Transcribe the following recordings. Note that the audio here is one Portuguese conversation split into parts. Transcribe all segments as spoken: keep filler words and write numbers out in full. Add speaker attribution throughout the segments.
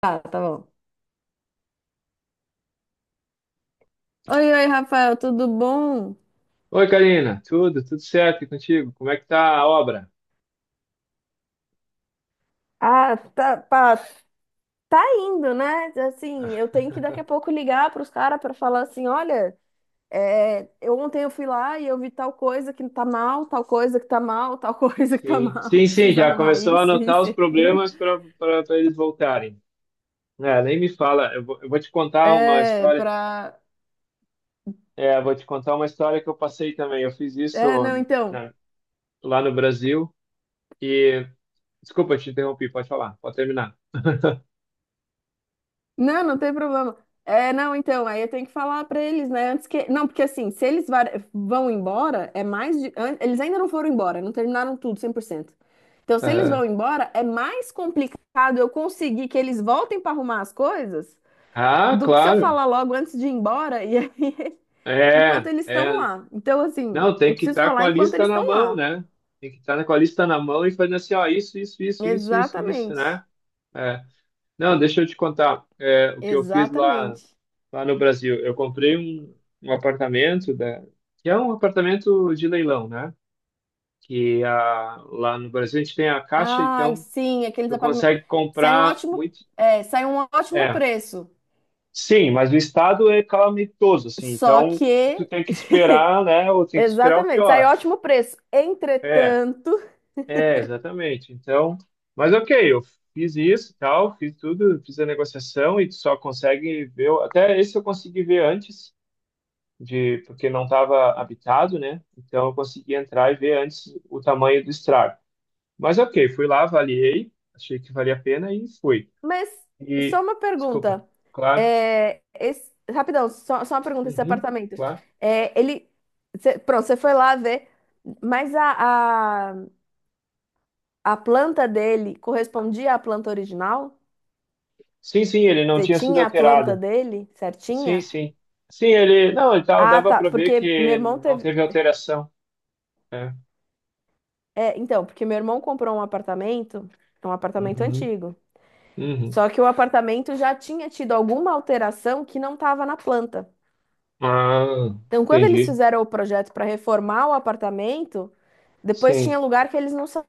Speaker 1: Tá, tá bom. Oi, oi, Rafael, tudo bom?
Speaker 2: Oi, Karina, tudo, tudo certo e contigo? Como é que tá a obra?
Speaker 1: Ah, tá, pá, tá indo, né? Assim, eu tenho que daqui a pouco ligar para os caras para falar assim, olha, é, eu ontem eu fui lá e eu vi tal coisa que tá mal, tal coisa que tá mal, tal coisa que tá
Speaker 2: Sim,
Speaker 1: mal,
Speaker 2: sim, sim,
Speaker 1: precisa
Speaker 2: já
Speaker 1: arrumar
Speaker 2: começou a
Speaker 1: isso,
Speaker 2: anotar
Speaker 1: isso
Speaker 2: os
Speaker 1: e aquilo.
Speaker 2: problemas para para eles voltarem. É, nem me fala, eu vou, eu vou te contar uma
Speaker 1: É,
Speaker 2: história,
Speaker 1: pra.
Speaker 2: é, eu vou te contar uma história que eu passei também. Eu fiz
Speaker 1: É, não,
Speaker 2: isso
Speaker 1: então.
Speaker 2: na- Lá no Brasil e, desculpa, eu te interrompi, pode falar, pode terminar.
Speaker 1: Não, não tem problema. É, não, então, aí eu tenho que falar pra eles, né? Antes que. Não, porque assim, se eles va- vão embora, é mais. de- an- Eles ainda não foram embora, não terminaram tudo cem por cento. Então, se eles
Speaker 2: Aham.
Speaker 1: vão embora, é mais complicado eu conseguir que eles voltem pra arrumar as coisas
Speaker 2: Ah,
Speaker 1: do que se eu
Speaker 2: claro,
Speaker 1: falar logo antes de ir embora e aí, enquanto
Speaker 2: é,
Speaker 1: eles estão
Speaker 2: é,
Speaker 1: lá. Então, assim,
Speaker 2: não, tem
Speaker 1: eu
Speaker 2: que
Speaker 1: preciso
Speaker 2: estar com
Speaker 1: falar
Speaker 2: a
Speaker 1: enquanto
Speaker 2: lista
Speaker 1: eles
Speaker 2: na
Speaker 1: estão
Speaker 2: mão,
Speaker 1: lá.
Speaker 2: né? Tem que estar com a lista na mão e fazendo assim, ó, isso, isso, isso, isso, isso, isso,
Speaker 1: Exatamente.
Speaker 2: né? É. Não, deixa eu te contar, é, o que eu fiz lá,
Speaker 1: Exatamente.
Speaker 2: lá no Brasil. Eu comprei um, um apartamento, da, que é um apartamento de leilão, né? Que a, lá no Brasil a gente tem a Caixa,
Speaker 1: Ai,
Speaker 2: então
Speaker 1: sim, aqueles
Speaker 2: tu
Speaker 1: apartamentos.
Speaker 2: consegue
Speaker 1: Sai um
Speaker 2: comprar
Speaker 1: ótimo,
Speaker 2: muito.
Speaker 1: é, sai um ótimo
Speaker 2: É,
Speaker 1: preço.
Speaker 2: sim, mas o estado é calamitoso, assim,
Speaker 1: Só
Speaker 2: então
Speaker 1: que.
Speaker 2: tu tem que esperar, né? Ou tem que esperar o
Speaker 1: Exatamente, sai
Speaker 2: pior.
Speaker 1: ótimo preço.
Speaker 2: É,
Speaker 1: Entretanto.
Speaker 2: é, exatamente. Então, mas ok, eu fiz isso, e tal, fiz tudo, fiz a negociação e tu só consegue ver. Até esse eu consegui ver antes. De porque não estava habitado, né? Então eu consegui entrar e ver antes o tamanho do estrago. Mas ok, fui lá, avaliei, achei que valia a pena e fui.
Speaker 1: Mas só
Speaker 2: E,
Speaker 1: uma
Speaker 2: desculpa,
Speaker 1: pergunta.
Speaker 2: claro,
Speaker 1: É, esse- Rapidão, só, só uma pergunta: esse
Speaker 2: uhum,
Speaker 1: apartamento.
Speaker 2: claro.
Speaker 1: É, ele. cê- Pronto, você foi lá ver, mas a, a, a planta dele correspondia à planta original?
Speaker 2: Sim, sim, ele não
Speaker 1: Você
Speaker 2: tinha sido
Speaker 1: tinha a planta
Speaker 2: alterado.
Speaker 1: dele
Speaker 2: Sim,
Speaker 1: certinha?
Speaker 2: sim. Sim, ele, não, ele tava,
Speaker 1: Ah,
Speaker 2: dava
Speaker 1: tá.
Speaker 2: para ver
Speaker 1: Porque meu
Speaker 2: que
Speaker 1: irmão
Speaker 2: não
Speaker 1: teve.
Speaker 2: teve alteração. É.
Speaker 1: É, então, porque meu irmão comprou um apartamento, é um apartamento
Speaker 2: Uhum,
Speaker 1: antigo.
Speaker 2: uhum.
Speaker 1: Só que o apartamento já tinha tido alguma alteração que não estava na planta.
Speaker 2: Ah,
Speaker 1: Então, quando eles
Speaker 2: entendi.
Speaker 1: fizeram o projeto para reformar o apartamento, depois tinha
Speaker 2: Sim,
Speaker 1: lugar que eles não sa-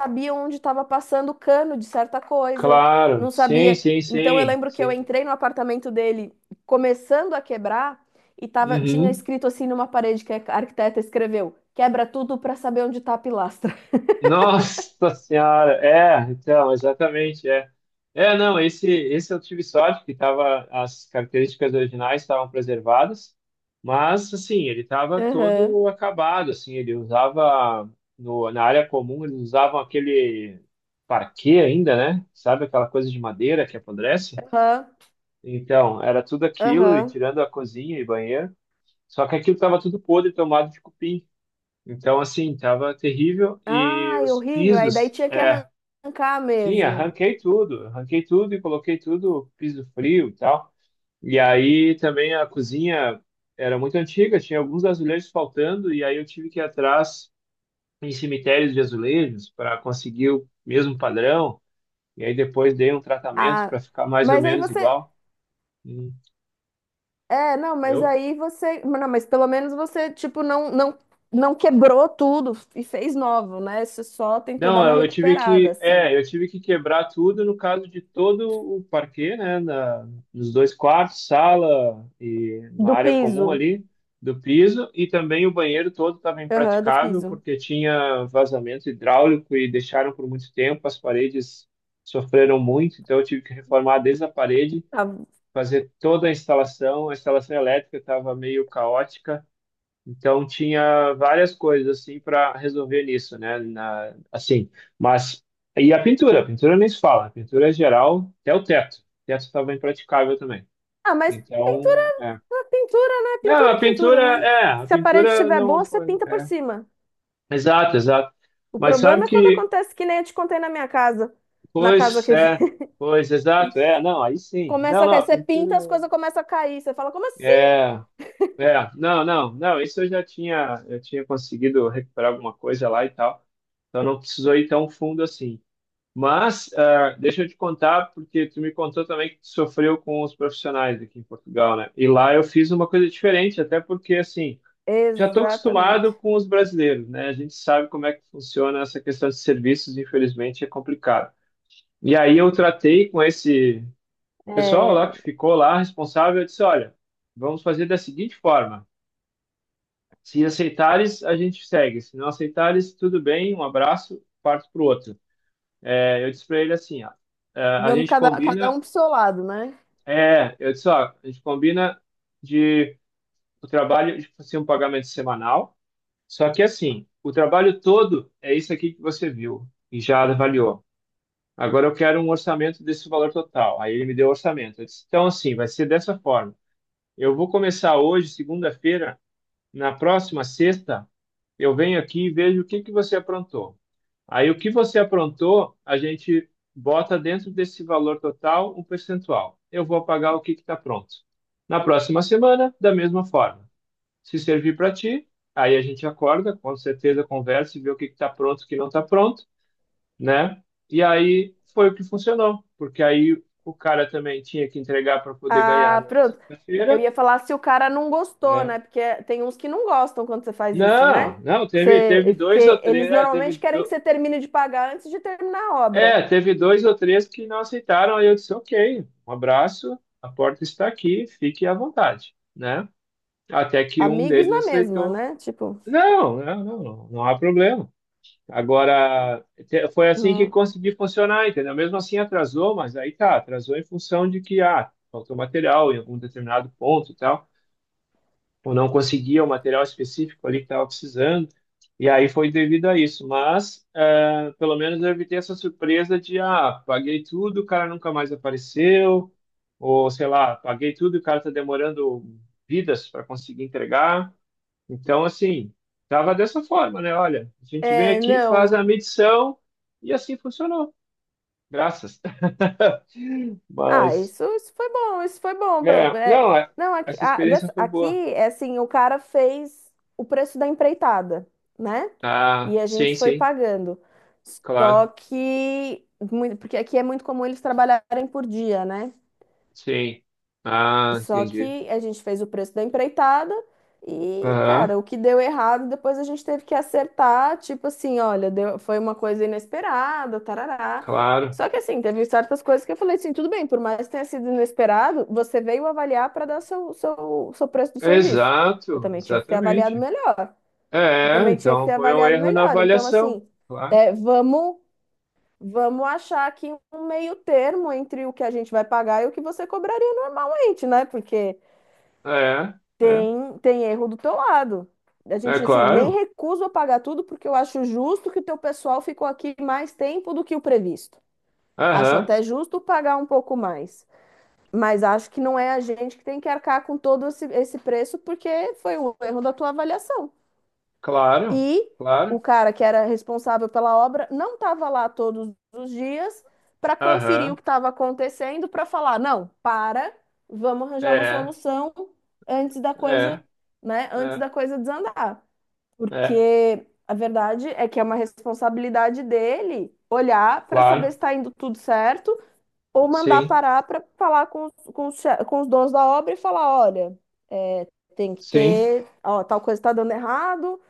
Speaker 1: sabiam onde estava passando o cano de certa coisa,
Speaker 2: claro.
Speaker 1: não
Speaker 2: Sim,
Speaker 1: sabia.
Speaker 2: sim,
Speaker 1: Então, eu
Speaker 2: sim,
Speaker 1: lembro que eu
Speaker 2: sim.
Speaker 1: entrei no apartamento dele, começando a quebrar, e tava, tinha
Speaker 2: Uhum.
Speaker 1: escrito assim numa parede que a arquiteta escreveu: quebra tudo para saber onde está a pilastra.
Speaker 2: Nossa senhora, é, então, exatamente, é. É, não, esse, esse eu tive sorte que tava, as características originais estavam preservadas, mas, assim, ele estava
Speaker 1: Aham,
Speaker 2: todo acabado, assim, ele usava, no, na área comum, eles usavam aquele parquet ainda, né? Sabe aquela coisa de madeira que apodrece?
Speaker 1: aham.
Speaker 2: Então, era tudo aquilo, e
Speaker 1: Aham.
Speaker 2: tirando a cozinha e banheiro, só que aquilo estava tudo podre, tomado de cupim. Então, assim, tava terrível e
Speaker 1: Ai,
Speaker 2: os
Speaker 1: horrível. Aí daí
Speaker 2: pisos,
Speaker 1: tinha que
Speaker 2: é,
Speaker 1: arrancar
Speaker 2: sim,
Speaker 1: mesmo.
Speaker 2: arranquei tudo, arranquei tudo e coloquei tudo piso frio e tal. E aí também a cozinha era muito antiga, tinha alguns azulejos faltando e aí eu tive que ir atrás em cemitérios de azulejos para conseguir o mesmo padrão. E aí depois dei um tratamento
Speaker 1: Ah,
Speaker 2: para ficar mais ou
Speaker 1: mas aí
Speaker 2: menos
Speaker 1: você.
Speaker 2: igual. Hum,
Speaker 1: É, não, mas
Speaker 2: entendeu?
Speaker 1: aí você. Não, mas pelo menos você, tipo, não, não, não quebrou tudo e fez novo, né? Você só tentou dar
Speaker 2: Não,
Speaker 1: uma
Speaker 2: eu eu tive
Speaker 1: recuperada,
Speaker 2: que,
Speaker 1: assim.
Speaker 2: é, eu tive que quebrar tudo no caso de todo o parquet, né, na, nos dois quartos, sala e na
Speaker 1: Do
Speaker 2: área comum
Speaker 1: piso.
Speaker 2: ali do piso e também o banheiro todo estava
Speaker 1: Aham, do
Speaker 2: impraticável
Speaker 1: piso.
Speaker 2: porque tinha vazamento hidráulico e deixaram por muito tempo, as paredes sofreram muito, então eu tive que reformar desde a parede,
Speaker 1: Ah,
Speaker 2: fazer toda a instalação, a instalação elétrica estava meio caótica. Então tinha várias coisas assim para resolver nisso, né? Na, assim, mas e a pintura? A pintura nem se fala. A pintura é geral, até o teto. O teto estava impraticável também.
Speaker 1: ah, mas pintura,
Speaker 2: Então, é.
Speaker 1: é pintura, né?
Speaker 2: Não,
Speaker 1: Pintura, é
Speaker 2: a
Speaker 1: pintura,
Speaker 2: pintura
Speaker 1: né?
Speaker 2: é, a
Speaker 1: Se a parede
Speaker 2: pintura
Speaker 1: estiver
Speaker 2: não
Speaker 1: boa, você
Speaker 2: foi,
Speaker 1: pinta por
Speaker 2: é.
Speaker 1: cima.
Speaker 2: Exato, exato.
Speaker 1: O
Speaker 2: Mas sabe
Speaker 1: problema é quando
Speaker 2: que,
Speaker 1: acontece que nem eu te contei na minha casa. Na casa
Speaker 2: pois,
Speaker 1: que
Speaker 2: é, pois, exato, é, não, aí sim. Não,
Speaker 1: começa a
Speaker 2: não,
Speaker 1: cair,
Speaker 2: a
Speaker 1: você
Speaker 2: pintura
Speaker 1: pinta, as coisas começam a cair. Você fala, como assim?
Speaker 2: é. É, não, não, não, isso eu já tinha, eu tinha conseguido recuperar alguma coisa lá e tal, então não precisou ir tão fundo assim. Mas, ah, deixa eu te contar, porque tu me contou também que tu sofreu com os profissionais aqui em Portugal, né? E lá eu fiz uma coisa diferente, até porque, assim, já estou acostumado
Speaker 1: Exatamente.
Speaker 2: com os brasileiros, né? A gente sabe como é que funciona essa questão de serviços, infelizmente é complicado. E aí eu tratei com esse pessoal
Speaker 1: É,
Speaker 2: lá que ficou lá, responsável, eu disse, olha, vamos fazer da seguinte forma. Se aceitares, a gente segue. Se não aceitares, tudo bem, um abraço, parto pro outro. É, eu disse para ele assim, ó, é, a
Speaker 1: vamos
Speaker 2: gente
Speaker 1: cada, cada
Speaker 2: combina,
Speaker 1: um pro seu lado, né?
Speaker 2: é, eu disse, ó, a gente combina de o trabalho de fazer um pagamento semanal, só que assim, o trabalho todo é isso aqui que você viu e já avaliou. Agora eu quero um orçamento desse valor total. Aí ele me deu o orçamento. Eu disse, então assim, vai ser dessa forma. Eu vou começar hoje, segunda-feira, na próxima sexta, eu venho aqui e vejo o que que você aprontou. Aí o que você aprontou, a gente bota dentro desse valor total um percentual. Eu vou pagar o que está pronto. Na próxima semana, da mesma forma. Se servir para ti, aí a gente acorda, com certeza conversa e vê o que está pronto, e o que não está pronto, né? E aí foi o que funcionou, porque aí o cara também tinha que entregar para poder ganhar
Speaker 1: Ah,
Speaker 2: na
Speaker 1: pronto. Eu
Speaker 2: sexta-feira,
Speaker 1: ia falar se o cara não gostou,
Speaker 2: né?
Speaker 1: né? Porque tem uns que não gostam quando você faz isso, né?
Speaker 2: Não, não,
Speaker 1: Que
Speaker 2: teve, teve
Speaker 1: você-
Speaker 2: dois ou
Speaker 1: porque eles
Speaker 2: três, é, teve
Speaker 1: normalmente querem que
Speaker 2: do-
Speaker 1: você termine de pagar antes de terminar a
Speaker 2: É,
Speaker 1: obra.
Speaker 2: teve dois ou três que não aceitaram, aí eu disse, ok, um abraço, a porta está aqui, fique à vontade, né? Até que um
Speaker 1: Amigos
Speaker 2: deles
Speaker 1: na mesma,
Speaker 2: aceitou.
Speaker 1: né? Tipo,
Speaker 2: Não, não, não, não, não há problema. Agora, te- foi assim que
Speaker 1: não.
Speaker 2: consegui funcionar, entendeu? Mesmo assim atrasou, mas aí tá, atrasou em função de que, ah, faltou material em algum determinado ponto e tal ou não conseguia o material específico ali que estava precisando. E aí foi devido a isso. Mas eh, pelo menos eu evitei essa surpresa de, ah, paguei tudo, o cara nunca mais apareceu, ou sei lá, paguei tudo e o cara está demorando vidas para conseguir entregar. Então, assim, tava dessa forma, né? Olha, a gente vem
Speaker 1: É,
Speaker 2: aqui, faz a
Speaker 1: não.
Speaker 2: medição e assim funcionou. Graças.
Speaker 1: Ah,
Speaker 2: Mas,
Speaker 1: isso, isso foi bom, isso foi bom. Pra,
Speaker 2: é,
Speaker 1: é,
Speaker 2: não, é,
Speaker 1: não, aqui,
Speaker 2: essa
Speaker 1: a-
Speaker 2: experiência
Speaker 1: dessa-
Speaker 2: foi
Speaker 1: aqui
Speaker 2: boa.
Speaker 1: é assim, o cara fez o preço da empreitada, né? E
Speaker 2: Ah,
Speaker 1: a
Speaker 2: sim,
Speaker 1: gente foi
Speaker 2: sim,
Speaker 1: pagando. Só
Speaker 2: claro.
Speaker 1: que, muito, porque aqui é muito comum eles trabalharem por dia, né?
Speaker 2: Sim. Ah,
Speaker 1: Só
Speaker 2: entendi.
Speaker 1: que a gente fez o preço da empreitada e,
Speaker 2: Aham,
Speaker 1: cara, o que deu errado, depois a gente teve que acertar, tipo assim, olha, deu- foi uma coisa inesperada, tarará.
Speaker 2: claro.
Speaker 1: Só que assim, teve certas coisas que eu falei assim, tudo bem, por mais que tenha sido inesperado, você veio avaliar para dar seu, seu, seu preço do serviço. Você
Speaker 2: Exato,
Speaker 1: também tinha que ter avaliado
Speaker 2: exatamente.
Speaker 1: melhor. Você
Speaker 2: É,
Speaker 1: também tinha que
Speaker 2: então
Speaker 1: ter
Speaker 2: foi um
Speaker 1: avaliado
Speaker 2: erro na
Speaker 1: melhor. Então,
Speaker 2: avaliação,
Speaker 1: assim,
Speaker 2: claro.
Speaker 1: é, vamos, vamos achar aqui um meio termo entre o que a gente vai pagar e o que você cobraria normalmente, né? Porque
Speaker 2: É, é,
Speaker 1: tem, tem erro do teu lado. A
Speaker 2: é
Speaker 1: gente, assim, nem
Speaker 2: claro.
Speaker 1: recuso pagar tudo porque eu acho justo que o teu pessoal ficou aqui mais tempo do que o previsto. Acho
Speaker 2: Aham,
Speaker 1: até justo pagar um pouco mais, mas acho que não é a gente que tem que arcar com todo esse, esse preço porque foi um erro da tua avaliação.
Speaker 2: claro,
Speaker 1: E
Speaker 2: claro.
Speaker 1: o cara que era responsável pela obra não estava lá todos os dias para conferir o
Speaker 2: Aham,
Speaker 1: que estava acontecendo, para falar, não, para, vamos arranjar uma
Speaker 2: é,
Speaker 1: solução antes da coisa,
Speaker 2: é,
Speaker 1: né, antes
Speaker 2: é,
Speaker 1: da coisa desandar.
Speaker 2: é,
Speaker 1: Porque a verdade é que é uma responsabilidade dele olhar para saber
Speaker 2: claro.
Speaker 1: se está indo tudo certo ou mandar
Speaker 2: Sim,
Speaker 1: parar para falar com, os- com, os che- com os donos da obra e falar, olha, é, tem que
Speaker 2: sim,
Speaker 1: ter, ó, tal coisa está dando errado,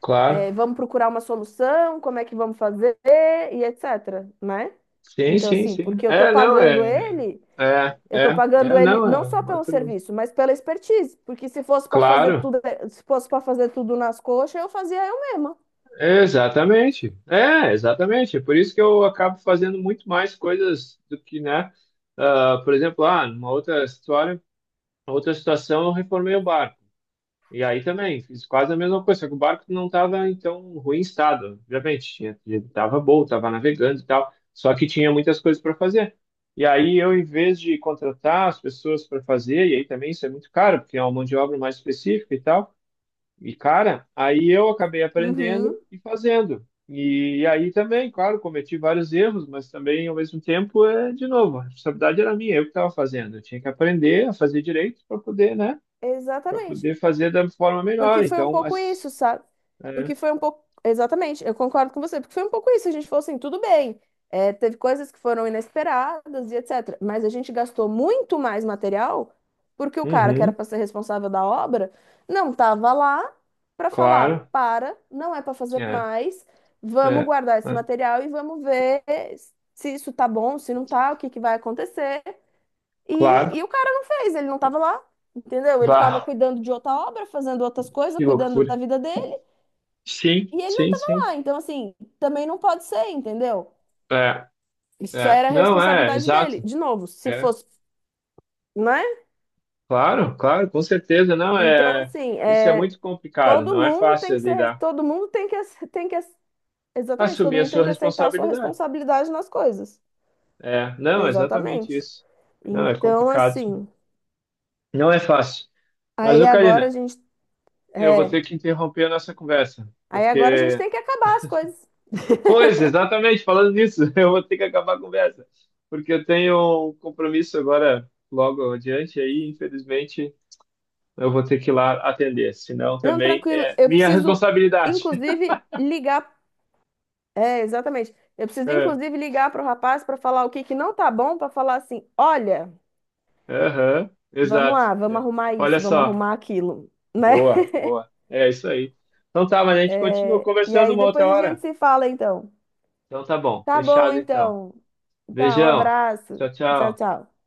Speaker 2: claro.
Speaker 1: é, Vamos procurar uma solução, como é que vamos fazer e etc, né?
Speaker 2: Sim,
Speaker 1: Então,
Speaker 2: sim,
Speaker 1: assim,
Speaker 2: sim.
Speaker 1: porque eu tô
Speaker 2: É, não,
Speaker 1: pagando
Speaker 2: é,
Speaker 1: ele,
Speaker 2: é,
Speaker 1: eu tô
Speaker 2: é, é,
Speaker 1: pagando ele
Speaker 2: não,
Speaker 1: não
Speaker 2: é
Speaker 1: só
Speaker 2: um
Speaker 1: pelo
Speaker 2: outro.
Speaker 1: serviço, mas pela expertise. Porque se fosse para fazer
Speaker 2: Claro.
Speaker 1: tudo, se fosse para fazer tudo nas coxas, eu fazia eu mesma.
Speaker 2: Exatamente. É, exatamente. É por isso que eu acabo fazendo muito mais coisas do que, né? Ah, por exemplo, ah, numa outra história, outra situação, eu reformei o barco. E aí também fiz quase a mesma coisa, só que o barco não estava em tão ruim estado, obviamente. Tinha, estava bom, estava navegando e tal, só que tinha muitas coisas para fazer. E aí eu, em vez de contratar as pessoas para fazer, e aí também isso é muito caro, porque é uma mão de obra mais específica e tal. E, cara, aí eu acabei aprendendo
Speaker 1: Uhum,
Speaker 2: e fazendo. E aí também, claro, cometi vários erros, mas também, ao mesmo tempo, é, de novo, a responsabilidade era minha, eu que estava fazendo. Eu tinha que aprender a fazer direito para poder, né? Para
Speaker 1: exatamente.
Speaker 2: poder fazer da forma melhor.
Speaker 1: Porque foi um
Speaker 2: Então,
Speaker 1: pouco
Speaker 2: as,
Speaker 1: isso, sabe?
Speaker 2: é,
Speaker 1: Porque foi um pouco. Exatamente, eu concordo com você. Porque foi um pouco isso. A gente falou assim, tudo bem. é, teve coisas que foram inesperadas e etcétera. Mas a gente gastou muito mais material porque o cara que era
Speaker 2: uhum,
Speaker 1: para ser responsável da obra não estava lá para falar:
Speaker 2: claro,
Speaker 1: para, não é para fazer
Speaker 2: é,
Speaker 1: mais, vamos
Speaker 2: é,
Speaker 1: guardar esse
Speaker 2: é,
Speaker 1: material e vamos ver se isso tá bom, se não tá, o que que vai acontecer. E, e
Speaker 2: claro.
Speaker 1: o cara não fez, ele não tava lá, entendeu? Ele tava
Speaker 2: Bah,
Speaker 1: cuidando de outra obra, fazendo outras coisas,
Speaker 2: que
Speaker 1: cuidando da
Speaker 2: loucura.
Speaker 1: vida dele,
Speaker 2: Sim,
Speaker 1: e ele não
Speaker 2: sim,
Speaker 1: tava
Speaker 2: sim.
Speaker 1: lá. Então, assim, também não pode ser, entendeu?
Speaker 2: É,
Speaker 1: Isso
Speaker 2: é.
Speaker 1: era a
Speaker 2: Não, é,
Speaker 1: responsabilidade dele.
Speaker 2: exato.
Speaker 1: De novo, se
Speaker 2: É,
Speaker 1: fosse, né?
Speaker 2: Claro, claro, com certeza, não
Speaker 1: Então,
Speaker 2: é.
Speaker 1: assim,
Speaker 2: Isso é
Speaker 1: é,
Speaker 2: muito complicado,
Speaker 1: todo
Speaker 2: não é
Speaker 1: mundo tem
Speaker 2: fácil
Speaker 1: que ser,
Speaker 2: lidar.
Speaker 1: todo mundo tem que, ace- tem que, ace- exatamente, todo
Speaker 2: Assumir a
Speaker 1: mundo tem
Speaker 2: sua
Speaker 1: que aceitar a sua
Speaker 2: responsabilidade.
Speaker 1: responsabilidade nas coisas.
Speaker 2: É, não, exatamente
Speaker 1: Exatamente.
Speaker 2: isso. Não, é
Speaker 1: Então,
Speaker 2: complicado.
Speaker 1: assim,
Speaker 2: Não é fácil. Mas,
Speaker 1: aí
Speaker 2: ô,
Speaker 1: agora a
Speaker 2: Karina,
Speaker 1: gente,
Speaker 2: eu vou
Speaker 1: é,
Speaker 2: ter que interromper a nossa conversa,
Speaker 1: aí agora a gente
Speaker 2: porque.
Speaker 1: tem que acabar as coisas.
Speaker 2: Pois, exatamente, falando nisso, eu vou ter que acabar a conversa, porque eu tenho um compromisso agora, logo adiante, aí, infelizmente, eu vou ter que ir lá atender, senão
Speaker 1: Não,
Speaker 2: também
Speaker 1: tranquilo.
Speaker 2: é
Speaker 1: Eu
Speaker 2: minha
Speaker 1: preciso,
Speaker 2: responsabilidade.
Speaker 1: inclusive, ligar. É, exatamente. Eu preciso, inclusive, ligar para o rapaz para falar o que que não tá bom, para falar assim: olha,
Speaker 2: Aham,
Speaker 1: vamos
Speaker 2: exato.
Speaker 1: lá, vamos
Speaker 2: É.
Speaker 1: arrumar
Speaker 2: Olha
Speaker 1: isso, vamos
Speaker 2: só.
Speaker 1: arrumar aquilo, né?
Speaker 2: Boa, boa. É isso aí. Então tá, mas a gente continua
Speaker 1: E
Speaker 2: conversando
Speaker 1: aí
Speaker 2: uma outra
Speaker 1: depois a gente
Speaker 2: hora.
Speaker 1: se fala, então.
Speaker 2: Então tá bom.
Speaker 1: Tá bom,
Speaker 2: Fechado então.
Speaker 1: então. Tá, um
Speaker 2: Beijão.
Speaker 1: abraço.
Speaker 2: Tchau,
Speaker 1: Tchau,
Speaker 2: tchau.
Speaker 1: tchau.